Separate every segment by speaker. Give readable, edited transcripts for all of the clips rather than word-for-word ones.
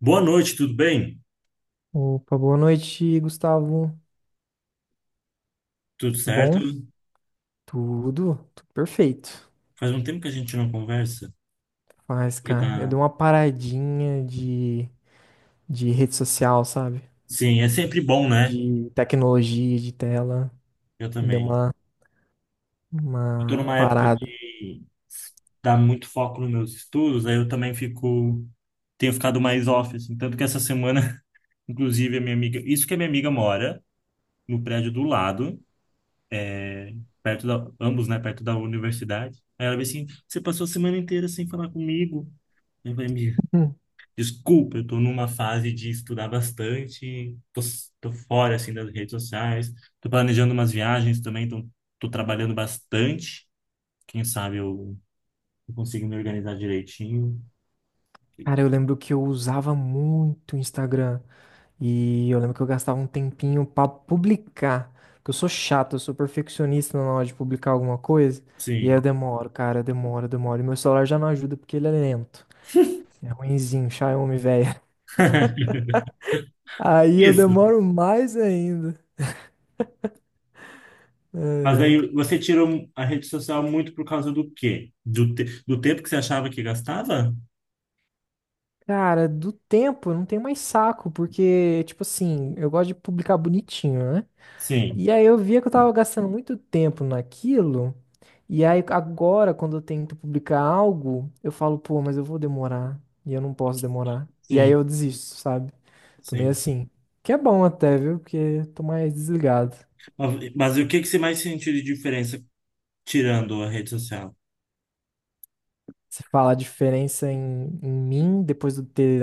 Speaker 1: Boa noite, tudo bem?
Speaker 2: Opa, boa noite, Gustavo.
Speaker 1: Tudo
Speaker 2: Tudo
Speaker 1: certo?
Speaker 2: bom? Tudo perfeito.
Speaker 1: Faz um tempo que a gente não conversa.
Speaker 2: Mas,
Speaker 1: Porque
Speaker 2: cara, eu
Speaker 1: tá...
Speaker 2: dei uma paradinha de rede social, sabe?
Speaker 1: Sim, é sempre bom, né?
Speaker 2: De tecnologia, de tela.
Speaker 1: Eu
Speaker 2: Deu
Speaker 1: também.
Speaker 2: uma,
Speaker 1: Eu tô
Speaker 2: uma
Speaker 1: numa época
Speaker 2: parada.
Speaker 1: que dá muito foco nos meus estudos, aí eu também fico... Tenho ficado mais off, assim. Tanto que essa semana, inclusive, a minha amiga... Isso que a minha amiga mora no prédio do lado, perto da... Ambos, né? Perto da universidade. Aí ela veio assim, você passou a semana inteira sem falar comigo. Eu falei, "Amiga,
Speaker 2: Hum.
Speaker 1: desculpa, eu tô numa fase de estudar bastante, tô, tô fora, assim, das redes sociais, tô planejando umas viagens também, então tô trabalhando bastante. Quem sabe eu consigo me organizar direitinho.
Speaker 2: Cara, eu lembro que eu usava muito o Instagram. E eu lembro que eu gastava um tempinho pra publicar. Porque eu sou chato, eu sou perfeccionista na hora de publicar alguma coisa. E aí eu
Speaker 1: Sim.
Speaker 2: demoro, cara, eu demoro. E meu celular já não ajuda porque ele é lento. É ruinzinho, Xiaomi, velho. Aí eu
Speaker 1: Isso.
Speaker 2: demoro mais ainda. É.
Speaker 1: Mas aí
Speaker 2: é.
Speaker 1: você tirou a rede social muito por causa do quê? Do do tempo que você achava que gastava?
Speaker 2: Cara, do tempo eu não tenho mais saco, porque, tipo assim, eu gosto de publicar bonitinho, né?
Speaker 1: Sim,
Speaker 2: E aí eu via que eu tava gastando muito tempo naquilo. E aí agora, quando eu tento publicar algo, eu falo, pô, mas eu vou demorar. E eu não posso demorar. E aí
Speaker 1: sim,
Speaker 2: eu desisto, sabe? Tô meio
Speaker 1: sim.
Speaker 2: assim. Que é bom até, viu? Porque tô mais desligado.
Speaker 1: Mas o que que você mais sentiu de diferença tirando a rede social?
Speaker 2: Você fala a diferença em mim depois do ter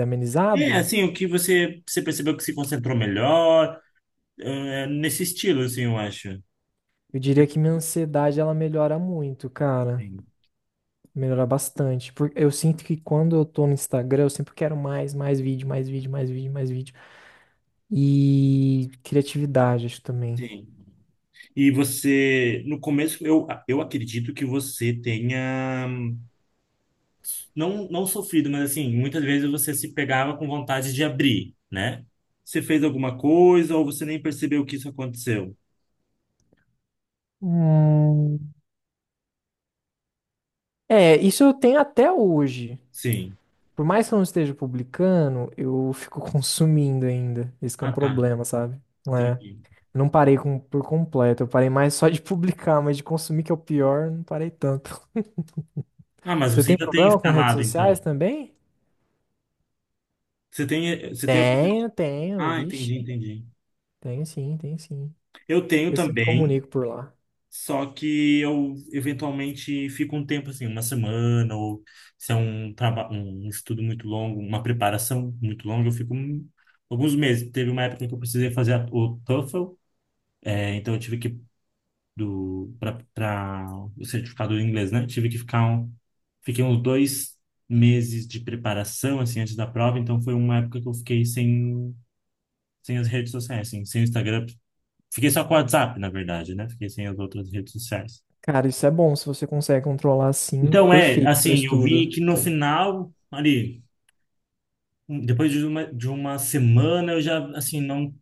Speaker 1: É,
Speaker 2: amenizado?
Speaker 1: assim, o que você percebeu que se concentrou melhor? É, nesse estilo, assim, eu acho.
Speaker 2: Eu diria que minha ansiedade ela melhora muito, cara.
Speaker 1: Sim.
Speaker 2: Melhora bastante. Porque eu sinto que quando eu tô no Instagram, eu sempre quero mais, mais vídeo, mais vídeo, mais vídeo, mais vídeo. E criatividade, acho também.
Speaker 1: Sim. E você, no começo, eu acredito que você tenha, não sofrido, mas assim, muitas vezes você se pegava com vontade de abrir, né? Você fez alguma coisa ou você nem percebeu que isso aconteceu?
Speaker 2: Hum. É, isso eu tenho até hoje.
Speaker 1: Sim.
Speaker 2: Por mais que eu não esteja publicando, eu fico consumindo ainda. Esse que é um
Speaker 1: Ah, tá.
Speaker 2: problema, sabe? É.
Speaker 1: Entendi.
Speaker 2: Não parei com- por completo. Eu parei mais só de publicar, mas de consumir, que é o pior, não parei tanto.
Speaker 1: Ah, mas
Speaker 2: Você
Speaker 1: você
Speaker 2: tem
Speaker 1: ainda tem
Speaker 2: problema com redes
Speaker 1: instalado, então.
Speaker 2: sociais também?
Speaker 1: Você tem... aplicativo...
Speaker 2: Tenho, tenho,
Speaker 1: Ah, entendi,
Speaker 2: vixe,
Speaker 1: entendi.
Speaker 2: tenho sim, tenho sim.
Speaker 1: Eu tenho
Speaker 2: Eu sempre
Speaker 1: também.
Speaker 2: comunico por lá.
Speaker 1: Só que eu eventualmente fico um tempo assim, uma semana, ou se é um trabalho, um estudo muito longo, uma preparação muito longa, eu fico um... alguns meses. Teve uma época que eu precisei fazer o TOEFL, é, então eu tive que do para o certificado em inglês, né? Tive que ficar um, fiquei uns dois meses de preparação assim antes da prova, então foi uma época que eu fiquei sem as redes sociais, assim, sem o Instagram, fiquei só com o WhatsApp, na verdade, né? Fiquei sem as outras redes sociais.
Speaker 2: Cara, isso é bom, se você consegue controlar assim,
Speaker 1: Então, é,
Speaker 2: perfeito pra
Speaker 1: assim, eu
Speaker 2: estudo.
Speaker 1: vi que no final, ali, um... depois de uma semana, eu já, assim, não,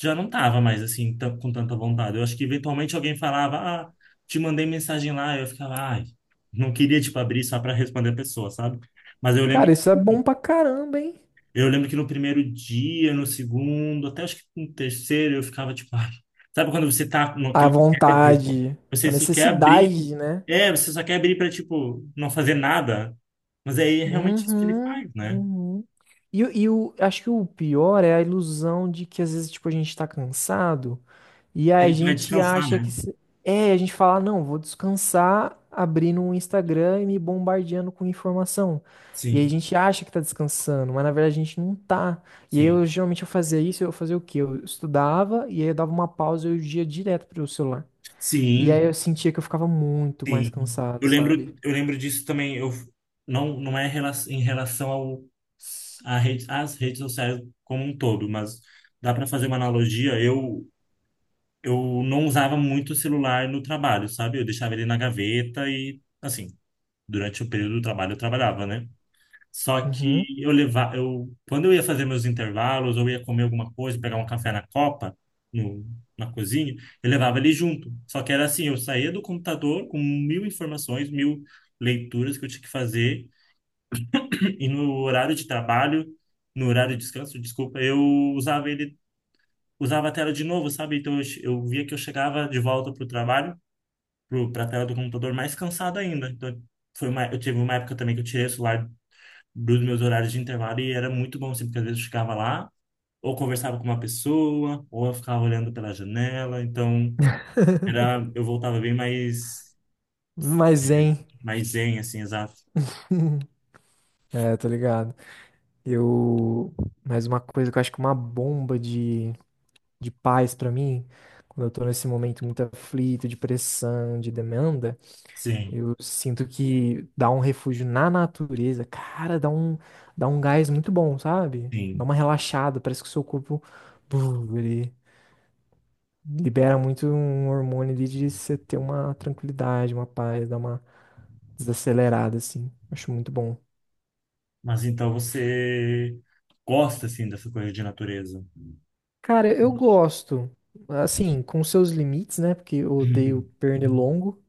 Speaker 1: já não tava mais, assim, tan... com tanta vontade. Eu acho que eventualmente alguém falava, ah, te mandei mensagem lá, eu ficava, ai, não queria, tipo, abrir só para responder a pessoa, sabe? Mas eu lembro
Speaker 2: Cara, isso é bom pra caramba, hein?
Speaker 1: Eu lembro que no primeiro dia, no segundo, até acho que no terceiro, eu ficava tipo, ai. Sabe quando você tá
Speaker 2: A
Speaker 1: naquele tédio,
Speaker 2: vontade, a
Speaker 1: você só quer abrir,
Speaker 2: necessidade, né?
Speaker 1: é, você só quer abrir para tipo não fazer nada. Mas aí é realmente isso que ele
Speaker 2: Uhum,
Speaker 1: faz, né?
Speaker 2: uhum. Acho que o pior é a ilusão de que às vezes, tipo, a gente tá cansado. E
Speaker 1: A
Speaker 2: a
Speaker 1: gente vai
Speaker 2: gente
Speaker 1: descansar,
Speaker 2: acha
Speaker 1: né?
Speaker 2: que. Se- É, a gente fala, não, vou descansar abrindo um Instagram e me bombardeando com informação. E aí a
Speaker 1: Sim,
Speaker 2: gente acha que tá descansando, mas na verdade a gente não tá. E aí
Speaker 1: sim.
Speaker 2: eu geralmente eu fazia isso, eu fazia o quê? Eu estudava e aí eu dava uma pausa e eu ia direto pro celular. E
Speaker 1: Sim,
Speaker 2: aí eu sentia que eu ficava muito mais
Speaker 1: sim.
Speaker 2: cansado,
Speaker 1: Eu
Speaker 2: sabe?
Speaker 1: lembro, eu lembro disso também. Eu não é rela... em relação ao a rede, às redes sociais como um todo, mas dá para fazer uma analogia. Eu não usava muito o celular no trabalho, sabe? Eu deixava ele na gaveta e, assim, durante o período do trabalho eu trabalhava, né? Só
Speaker 2: Uhum.
Speaker 1: que eu levava, eu, quando eu ia fazer meus intervalos ou ia comer alguma coisa, pegar um café na copa, no, na cozinha, eu levava ele junto. Só que era assim, eu saía do computador com mil informações, mil leituras que eu tinha que fazer e no horário de trabalho, no horário de descanso, desculpa, eu usava ele, usava a tela de novo, sabe? Então eu eu via que eu chegava de volta pro trabalho para a tela do computador mais cansado ainda. Então, foi uma, eu tive uma época também que eu tirei o celular dos meus horários de intervalo e era muito bom, assim, porque às vezes eu ficava lá, ou conversava com uma pessoa, ou eu ficava olhando pela janela. Então, era, eu voltava bem mais,
Speaker 2: Mas, hein?
Speaker 1: mais zen, assim, exato.
Speaker 2: É, tô ligado. Eu. Mais uma coisa que eu acho que é uma bomba de paz para mim, quando eu tô nesse momento muito aflito, de pressão, de demanda,
Speaker 1: Sim,
Speaker 2: eu sinto que dá um refúgio na natureza, cara, dá um gás muito bom, sabe? Dá
Speaker 1: sim.
Speaker 2: uma relaxada, parece que o seu corpo, buf, ele libera muito um hormônio ali de você ter uma tranquilidade, uma paz, dá uma desacelerada, assim. Acho muito bom.
Speaker 1: Mas então você gosta, assim, dessa coisa de natureza.
Speaker 2: Cara, eu gosto, assim, com seus limites, né? Porque eu odeio pernilongo.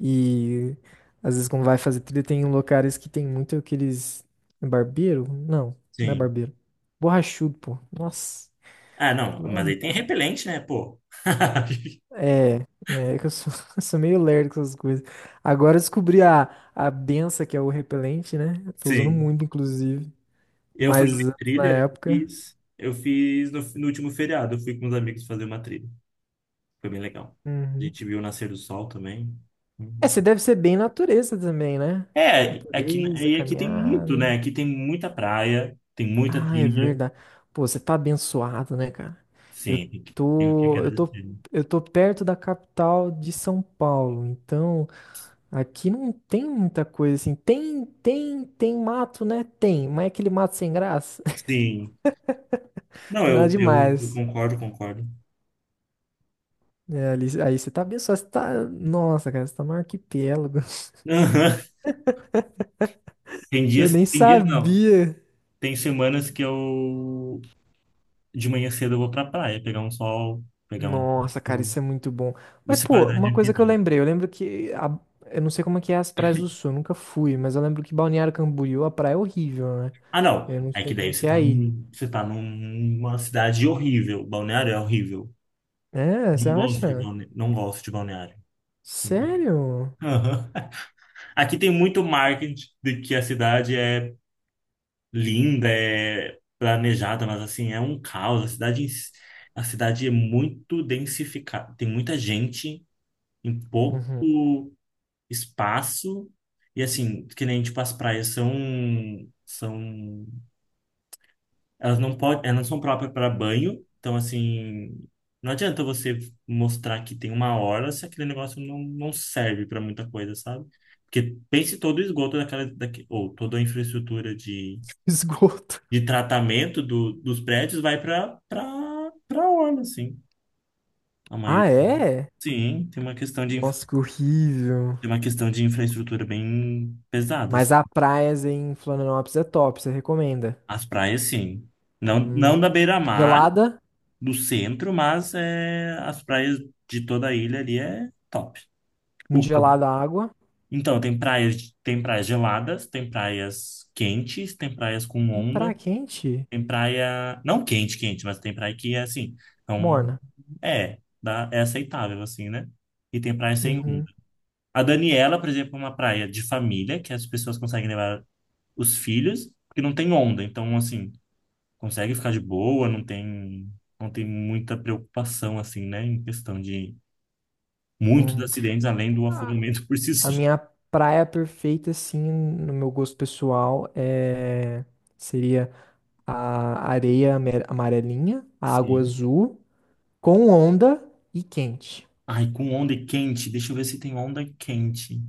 Speaker 2: E às vezes, quando vai fazer trilha, tem locais que tem muito aqueles. Barbeiro? Não, não é
Speaker 1: Sim.
Speaker 2: barbeiro. Borrachudo, pô. Nossa.
Speaker 1: Ah, não,
Speaker 2: Aquilo lá
Speaker 1: mas
Speaker 2: não
Speaker 1: aí tem
Speaker 2: dá.
Speaker 1: repelente, né, pô?
Speaker 2: É, é que eu sou, eu sou meio lerdo com essas coisas. Agora eu descobri a benção que é o repelente, né? Eu tô usando
Speaker 1: Sim.
Speaker 2: muito, inclusive.
Speaker 1: Eu falei de
Speaker 2: Mas antes, na
Speaker 1: trilha, eu
Speaker 2: época.
Speaker 1: fiz, eu fiz no, no último feriado, eu fui com os amigos fazer uma trilha. Foi bem legal. A
Speaker 2: Uhum.
Speaker 1: gente viu o nascer do sol também.
Speaker 2: É,
Speaker 1: Uhum.
Speaker 2: você deve ser bem natureza também, né?
Speaker 1: É, aqui,
Speaker 2: Natureza,
Speaker 1: e aqui tem muito, né?
Speaker 2: caminhada.
Speaker 1: Aqui tem muita praia, tem muita
Speaker 2: Ah, é
Speaker 1: trilha.
Speaker 2: verdade. Pô, você tá abençoado, né, cara? Eu
Speaker 1: Sim, tem que... tem o que
Speaker 2: tô, eu tô,
Speaker 1: agradecer.
Speaker 2: eu tô perto da capital de São Paulo, então aqui não tem muita coisa assim. Tem mato, né? Tem, mas é aquele mato sem graça.
Speaker 1: Sim. Não,
Speaker 2: Tem nada
Speaker 1: eu
Speaker 2: demais.
Speaker 1: concordo, concordo.
Speaker 2: É, ali, aí você tá abençoado, você tá. Nossa, cara, você tá no arquipélago.
Speaker 1: Aham.
Speaker 2: Eu nem
Speaker 1: Tem dias não.
Speaker 2: sabia.
Speaker 1: Tem semanas que eu de manhã cedo eu vou pra praia, pegar um sol, pegar um.
Speaker 2: Nossa, cara, isso é muito bom. Mas,
Speaker 1: Isso é
Speaker 2: pô,
Speaker 1: qualidade
Speaker 2: uma
Speaker 1: de
Speaker 2: coisa que
Speaker 1: vida,
Speaker 2: eu
Speaker 1: né?
Speaker 2: lembrei, eu lembro que a- eu não sei como é que é as praias do sul, eu nunca fui, mas eu lembro que Balneário Camboriú, a praia é horrível, né?
Speaker 1: Ah, não.
Speaker 2: Eu não
Speaker 1: É
Speaker 2: sei
Speaker 1: que
Speaker 2: como
Speaker 1: daí
Speaker 2: é que
Speaker 1: você
Speaker 2: é
Speaker 1: tá,
Speaker 2: aí.
Speaker 1: num... você tá numa cidade horrível. Balneário é horrível.
Speaker 2: É, você
Speaker 1: Não gosto de
Speaker 2: acha?
Speaker 1: balneário. Não gosto de balneário.
Speaker 2: Sério?
Speaker 1: Aham. Aqui tem muito marketing de que a cidade é linda, é planejada, mas assim, é um caos. A cidade, em si... a cidade é muito densificada. Tem muita gente em pouco
Speaker 2: Uhum.
Speaker 1: espaço. E assim, que nem tipo, as praias são, são... elas não podem, elas não são próprias para banho, então assim, não adianta você mostrar que tem uma hora se aquele negócio não serve para muita coisa, sabe? Porque pense todo o esgoto daquela, daque... ou toda a infraestrutura
Speaker 2: Esgoto.
Speaker 1: de tratamento do, dos prédios vai para para para orla, assim. A maioria.
Speaker 2: Ah, é?
Speaker 1: Sim, tem uma questão de inf...
Speaker 2: Nossa, que horrível.
Speaker 1: tem uma questão de infraestrutura bem pesada, assim.
Speaker 2: Mas a praias em Florianópolis é top, você recomenda?
Speaker 1: As praias, sim. Não da
Speaker 2: Hum.
Speaker 1: beira-mar,
Speaker 2: Gelada,
Speaker 1: do centro, mas é, as praias de toda a ilha ali é top.
Speaker 2: muito
Speaker 1: O campo.
Speaker 2: gelada a água.
Speaker 1: Então, tem praias, de... tem praias geladas, tem praias quentes, tem praias com
Speaker 2: Tem
Speaker 1: onda,
Speaker 2: praia quente?
Speaker 1: tem praia, não quente, quente, mas tem praia que é assim, então
Speaker 2: Morna.
Speaker 1: é, dá, é aceitável assim, né? E tem praia sem onda.
Speaker 2: Uhum.
Speaker 1: A Daniela, por exemplo, é uma praia de família, que as pessoas conseguem levar os filhos, porque não tem onda, então assim, consegue ficar de boa, não tem muita preocupação assim, né, em questão de muitos
Speaker 2: uhum.
Speaker 1: acidentes além do afogamento por si
Speaker 2: A
Speaker 1: só.
Speaker 2: minha praia perfeita, assim, no meu gosto pessoal, é... seria a areia ame- amarelinha, a água
Speaker 1: Sim.
Speaker 2: azul, com onda e quente.
Speaker 1: Ai, com onda quente, deixa eu ver se tem onda quente.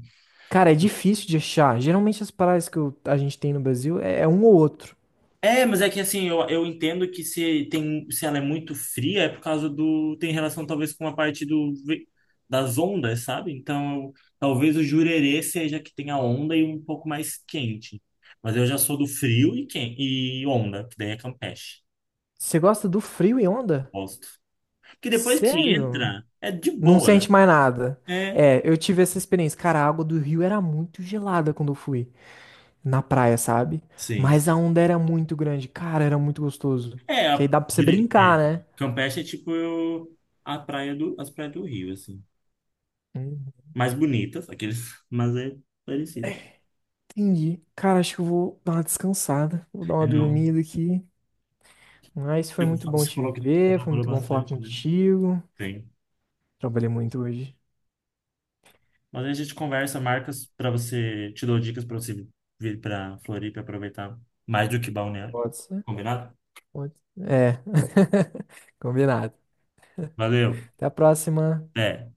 Speaker 2: Cara, é difícil de achar. Geralmente as praias que eu- a gente tem no Brasil é, é um ou outro.
Speaker 1: É, mas é que assim, eu entendo que se tem, se ela é muito fria é por causa do, tem relação talvez com a parte do ve... das ondas, sabe? Então, eu... talvez o jurerê seja que tem a onda e um pouco mais quente. Mas eu já sou do frio e quente, e onda, que daí é campeche.
Speaker 2: Você gosta do frio e onda?
Speaker 1: Gosto. Porque depois que
Speaker 2: Sério?
Speaker 1: entra, é de
Speaker 2: Não
Speaker 1: boa.
Speaker 2: sente mais nada.
Speaker 1: É,
Speaker 2: É, eu tive essa experiência. Cara, a água do rio era muito gelada quando eu fui. Na praia, sabe?
Speaker 1: sim.
Speaker 2: Mas a onda era muito grande. Cara, era muito gostoso.
Speaker 1: É,
Speaker 2: Que aí
Speaker 1: a,
Speaker 2: dá pra você
Speaker 1: dire... é,
Speaker 2: brincar, né?
Speaker 1: Campeche é tipo eu... a praia do, as praias do Rio, assim.
Speaker 2: Hum,
Speaker 1: Mais bonitas, aqueles, mas é parecido.
Speaker 2: entendi. Cara, acho que eu vou dar uma descansada. Vou dar
Speaker 1: É,
Speaker 2: uma
Speaker 1: não.
Speaker 2: dormida aqui. Mas foi
Speaker 1: Eu
Speaker 2: muito
Speaker 1: fa...
Speaker 2: bom
Speaker 1: você
Speaker 2: te
Speaker 1: falou que
Speaker 2: ver. Foi
Speaker 1: trabalhou
Speaker 2: muito bom falar
Speaker 1: bastante, né?
Speaker 2: contigo.
Speaker 1: Sim.
Speaker 2: Trabalhei muito hoje.
Speaker 1: Mas a gente conversa, marcas para você, te dou dicas para você vir para Floripa e aproveitar mais do que Balneário.
Speaker 2: Pode ser?
Speaker 1: Combinado?
Speaker 2: Pode ser. É. Combinado.
Speaker 1: Valeu.
Speaker 2: Até a próxima.
Speaker 1: É.